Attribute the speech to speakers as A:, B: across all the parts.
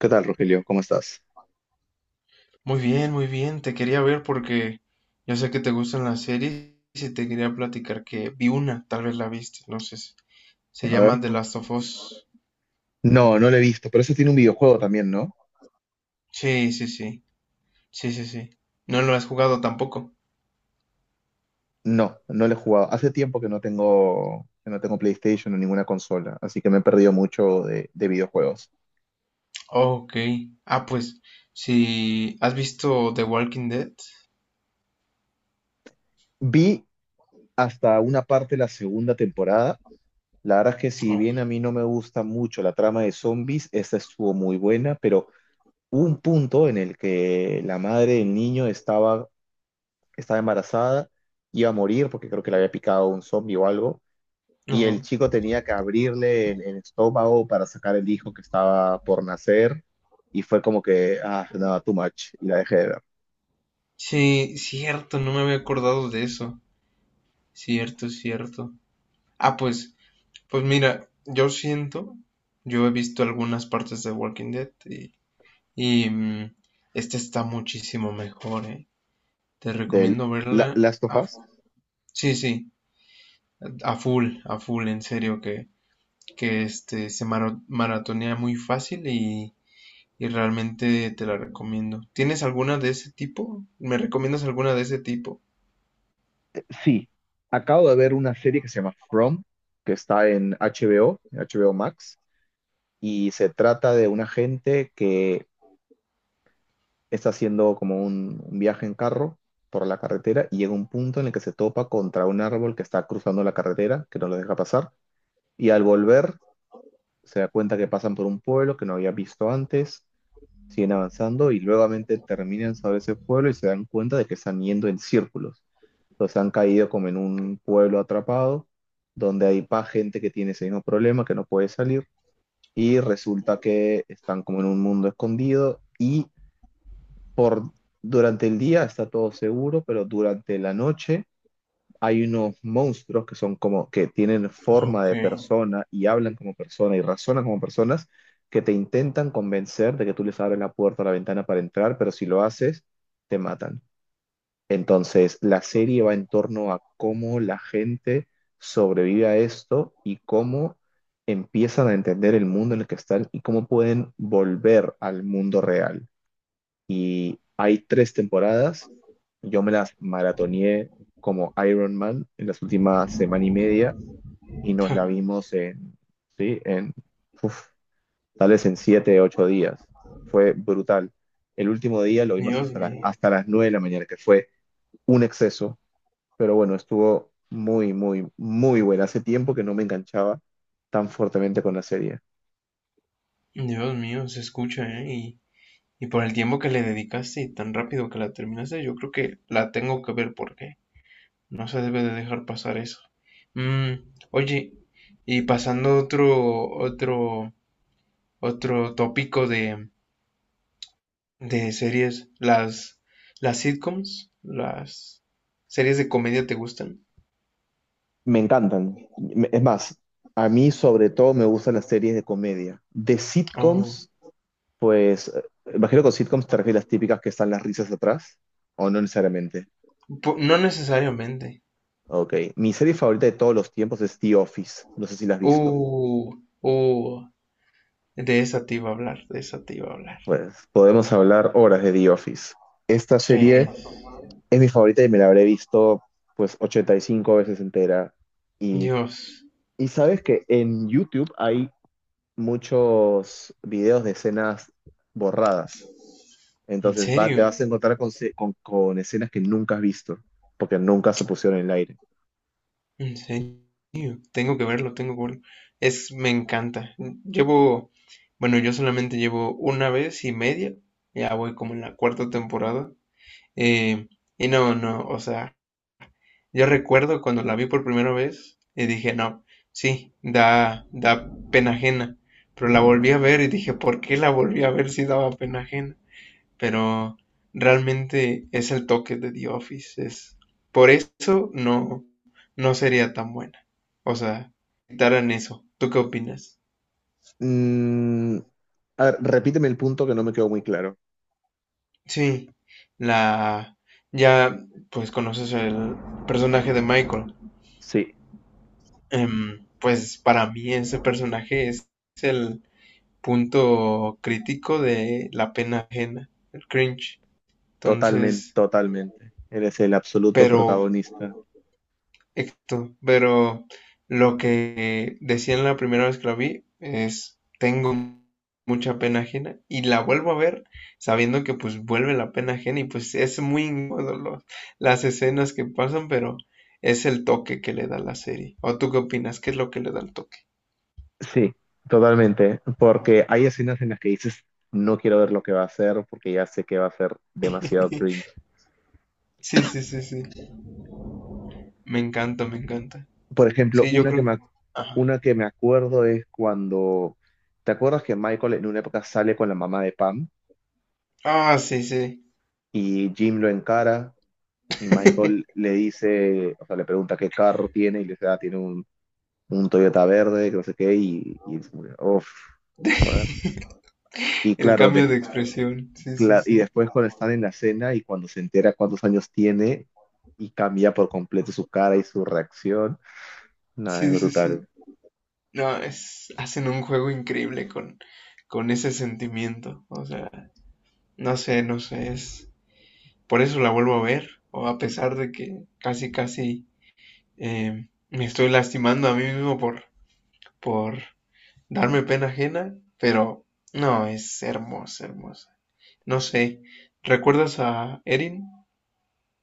A: ¿Qué tal, Rogelio? ¿Cómo estás?
B: Muy bien, muy bien. Te quería ver porque yo sé que te gustan las series y te quería platicar que vi una, tal vez la viste, no sé. Se
A: A
B: llama
A: ver.
B: The Last of Us.
A: No, no lo he visto, pero ese tiene un videojuego también, ¿no?
B: Sí, sí, sí. Sí, sí, sí. No lo has jugado tampoco.
A: No, no lo he jugado. Hace tiempo que no tengo, PlayStation o ninguna consola, así que me he perdido mucho de videojuegos.
B: Ok. Ah, pues, si has visto The Walking Dead.
A: Vi hasta una parte de la segunda temporada. La verdad es que si
B: Ok.
A: bien a mí no me gusta mucho la trama de zombies, esta estuvo muy buena, pero hubo un punto en el que la madre del niño estaba embarazada, iba a morir porque creo que le había picado un zombie o algo y el
B: Ajá.
A: chico tenía que abrirle el estómago para sacar el hijo que estaba por nacer y fue como que, ah, no, too much, y la dejé de ver.
B: Sí, cierto, no me había acordado de eso. Cierto, cierto. Ah, pues, pues mira, yo siento, yo he visto algunas partes de Walking Dead y Y mm, esta está muchísimo mejor, eh. Te
A: Del
B: recomiendo
A: la,
B: verla
A: Last of
B: a,
A: Us,
B: sí, sí, a full, en serio, que este se maratonea muy fácil y realmente te la recomiendo. ¿Tienes alguna de ese tipo? ¿Me recomiendas alguna de ese tipo?
A: sí, acabo de ver una serie que se llama From, que está en HBO, en HBO Max, y se trata de una gente que está haciendo como un viaje en carro por la carretera y llega un punto en el que se topa contra un árbol que está cruzando la carretera, que no lo deja pasar, y al volver se da cuenta que pasan por un pueblo que no había visto antes, siguen avanzando y nuevamente terminan sobre ese pueblo y se dan cuenta de que están yendo en círculos. Entonces han caído como en un pueblo atrapado, donde hay pa gente que tiene ese mismo problema, que no puede salir, y resulta que están como en un mundo escondido y por, durante el día está todo seguro, pero durante la noche hay unos monstruos que son como que tienen forma
B: Ok.
A: de persona y hablan como persona y razonan como personas que te intentan convencer de que tú les abres la puerta o la ventana para entrar, pero si lo haces, te matan. Entonces, la serie va en torno a cómo la gente sobrevive a esto y cómo empiezan a entender el mundo en el que están y cómo pueden volver al mundo real, y hay 3 temporadas. Yo me las maratoneé como Iron Man en las últimas semana y media y nos la vimos en, sí, uf, tal vez en siete, ocho días. Fue brutal. El último día lo vimos
B: Dios
A: hasta,
B: mío,
A: hasta las 9 de la mañana, que fue exceso, pero bueno, estuvo muy, muy, muy buena. Hace tiempo que no me enganchaba tan fuertemente con la serie.
B: Dios mío, se escucha, ¿eh? Y por el tiempo que le dedicaste y tan rápido que la terminaste, yo creo que la tengo que ver porque no se debe de dejar pasar eso. Mm, oye, y pasando otro tópico de series, las sitcoms, las series de comedia te gustan.
A: Me encantan. Es más, a mí sobre todo me gustan las series de comedia. De
B: Oh,
A: sitcoms. Pues, imagino que con sitcoms te refieres a las típicas que están las risas atrás, o no necesariamente.
B: no necesariamente.
A: Ok, mi serie favorita de todos los tiempos es The Office, no sé si la has visto.
B: Uh, uh, de esa te iba a hablar, de esa te iba a hablar.
A: Pues podemos hablar horas de The Office. Esta
B: Sí,
A: serie es mi favorita y me la habré visto pues 85 veces entera. Y,
B: Dios,
A: y sabes que en YouTube hay muchos videos de escenas borradas.
B: ¿en
A: Entonces va,
B: serio?
A: te vas a encontrar con, con escenas que nunca has visto, porque nunca se pusieron en el aire.
B: ¿En serio? Tengo que verlo, tengo que verlo. Es, me encanta. Llevo, bueno, yo solamente llevo una vez y media. Ya voy como en la cuarta temporada. Eh, y no, no, o sea, yo recuerdo cuando la vi por primera vez y dije, no, sí, da, da pena ajena. Pero la volví a ver y dije, ¿por qué la volví a ver si daba pena ajena? Pero realmente es el toque de The Office. Es, por eso no, no sería tan buena. O sea, quitaran eso. ¿Tú qué opinas?
A: Mm, a ver, repíteme el punto que no me quedó muy claro.
B: Sí, la... Ya, pues conoces el personaje de Michael.
A: Sí,
B: Pues para mí ese personaje es el punto crítico de la pena ajena, el cringe.
A: totalmente,
B: Entonces,
A: totalmente. Eres el absoluto
B: pero
A: protagonista.
B: exacto, pero lo que decían la primera vez que la vi es, tengo mucha pena ajena y la vuelvo a ver sabiendo que pues vuelve la pena ajena y pues es muy incómodo las escenas que pasan, pero es el toque que le da la serie. ¿O tú qué opinas? ¿Qué es lo que le da el toque?
A: Sí, totalmente. Porque hay escenas en las que dices, no quiero ver lo que va a hacer porque ya sé que va a ser demasiado cringe.
B: Sí, sí, sí, sí. Me encanta, me encanta.
A: Por ejemplo,
B: Sí, yo creo que... Ajá.
A: una que me acuerdo es cuando, ¿te acuerdas que Michael en una época sale con la mamá de Pam
B: Ah, sí, sí.
A: y Jim lo encara y Michael le dice, o sea, le pregunta qué carro tiene y le dice, "Ah, tiene un Toyota verde", que no sé qué, y se murió. Uf, joder. Y
B: El
A: claro,
B: cambio de expresión. Sí, sí,
A: y
B: sí.
A: después cuando están en la cena y cuando se entera cuántos años tiene y cambia por completo su cara y su reacción, nada, es
B: Sí, sí, sí.
A: brutal.
B: No, es, hacen un juego increíble con ese sentimiento. O sea, no sé, no sé, es... Por eso la vuelvo a ver, o a pesar de que casi, casi me estoy lastimando a mí mismo por darme pena ajena, pero no, es hermosa, hermosa. No sé, ¿recuerdas a Erin?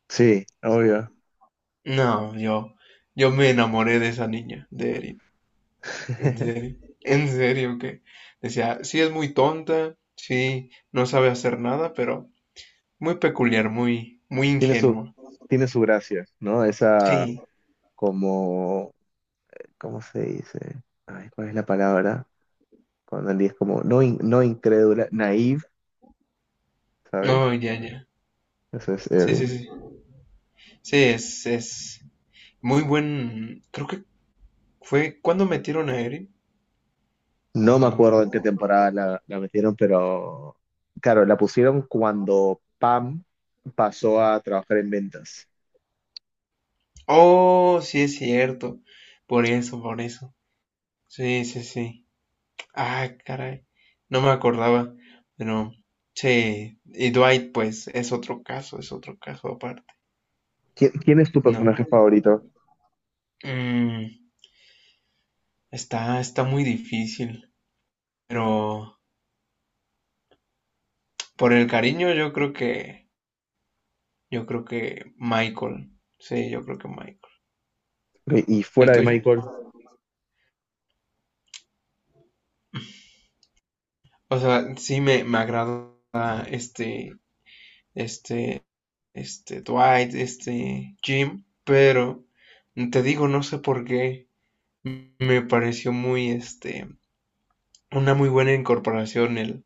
A: Sí, obvio.
B: No, yo me enamoré de esa niña, de Erin. En serio, en serio, que decía, sí es muy tonta, sí no sabe hacer nada, pero muy peculiar, muy, muy
A: Tiene su,
B: ingenua.
A: tiene su gracia, ¿no? Esa
B: Sí,
A: como, ¿cómo se dice? Ay, ¿cuál es la palabra? Cuando él es como no, no incrédula, naive, ¿sabes?
B: oh, ya, ya.
A: Eso es
B: Sí, sí,
A: Erin.
B: sí. Sí, es muy buen. Creo que fue cuando metieron a Eren,
A: No me acuerdo en qué
B: cuando.
A: temporada la metieron, pero claro, la pusieron cuando Pam pasó a trabajar en ventas.
B: Oh, sí es cierto. Por eso, por eso. Sí, sí, sí. Ah, caray. No me acordaba, pero sí. Y Dwight, pues, es otro caso aparte.
A: ¿Quién es tu
B: No.
A: personaje favorito?
B: Mm, está, está muy difícil, pero por el cariño yo creo que Michael, sí, yo creo que Michael.
A: Ok, y
B: ¿El
A: fuera de
B: tuyo?
A: Michael,
B: O sea, sí me agrada este, este, este Dwight, este Jim, pero te digo, no sé por qué me pareció muy, este, una muy buena incorporación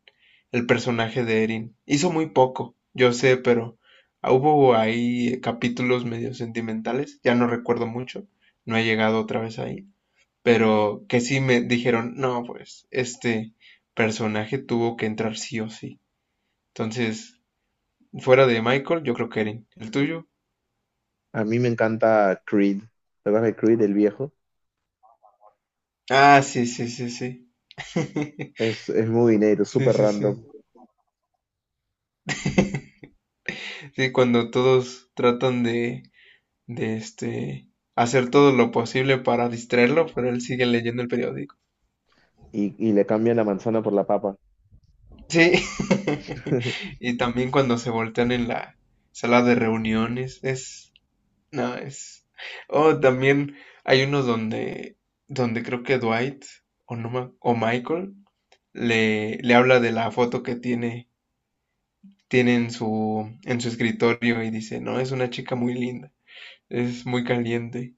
B: el personaje de Erin. Hizo muy poco, yo sé, pero hubo ahí capítulos medio sentimentales, ya no recuerdo mucho, no he llegado otra vez ahí, pero que sí me dijeron, no, pues este personaje tuvo que entrar sí o sí. Entonces, fuera de Michael, yo creo que Erin. ¿El tuyo?
A: a mí me encanta Creed. ¿Te acuerdas de Creed, el viejo?
B: Ah, sí, sí, sí, sí.
A: Es muy dinero, es
B: Sí,
A: súper
B: sí, sí.
A: random.
B: Sí, cuando todos tratan de este hacer todo lo posible para distraerlo, pero él sigue leyendo el periódico.
A: Y le cambian la manzana por la papa.
B: Sí. Y también cuando se voltean en la sala de reuniones, es, no, es, oh, también hay unos donde, donde creo que Dwight o, no, ma- o Michael le, le habla de la foto que tiene, tiene en su escritorio y dice, no, es una chica muy linda, es muy caliente.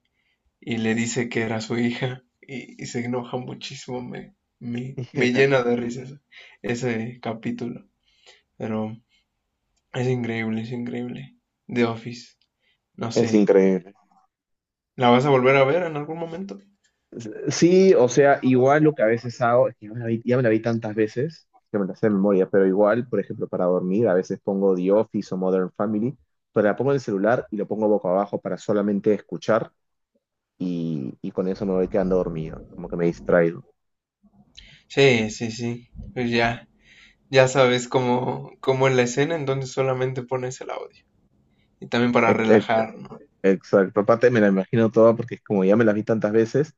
B: Y le dice que era su hija y se enoja muchísimo, me llena de risas ese capítulo, pero es increíble, es increíble. The Office, no
A: Es
B: sé,
A: increíble.
B: ¿la vas a volver a ver en algún momento?
A: Sí, o sea, igual lo que a veces hago, es que ya me la vi, ya me la vi tantas veces que me la sé de memoria, pero igual, por ejemplo, para dormir, a veces pongo The Office o Modern Family, pero la pongo en el celular y lo pongo boca abajo para solamente escuchar y con eso me voy quedando dormido, como que me distraigo.
B: Sí, sí, sí, pues ya, ya sabes cómo, cómo es la escena, entonces solamente pones el audio y también para
A: Ex- ex-
B: relajar, ¿no?
A: Exacto, aparte me la imagino toda porque es como ya me la vi tantas veces,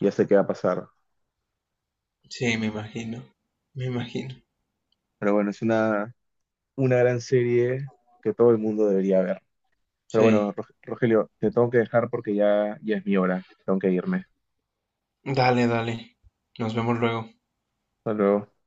A: ya sé qué va a pasar.
B: Sí, me imagino,
A: Pero bueno, es una gran serie que todo el mundo debería ver. Pero bueno,
B: sí,
A: Rogelio, te tengo que dejar porque ya, ya es mi hora, tengo que irme.
B: dale, dale, nos vemos luego.
A: Hasta luego.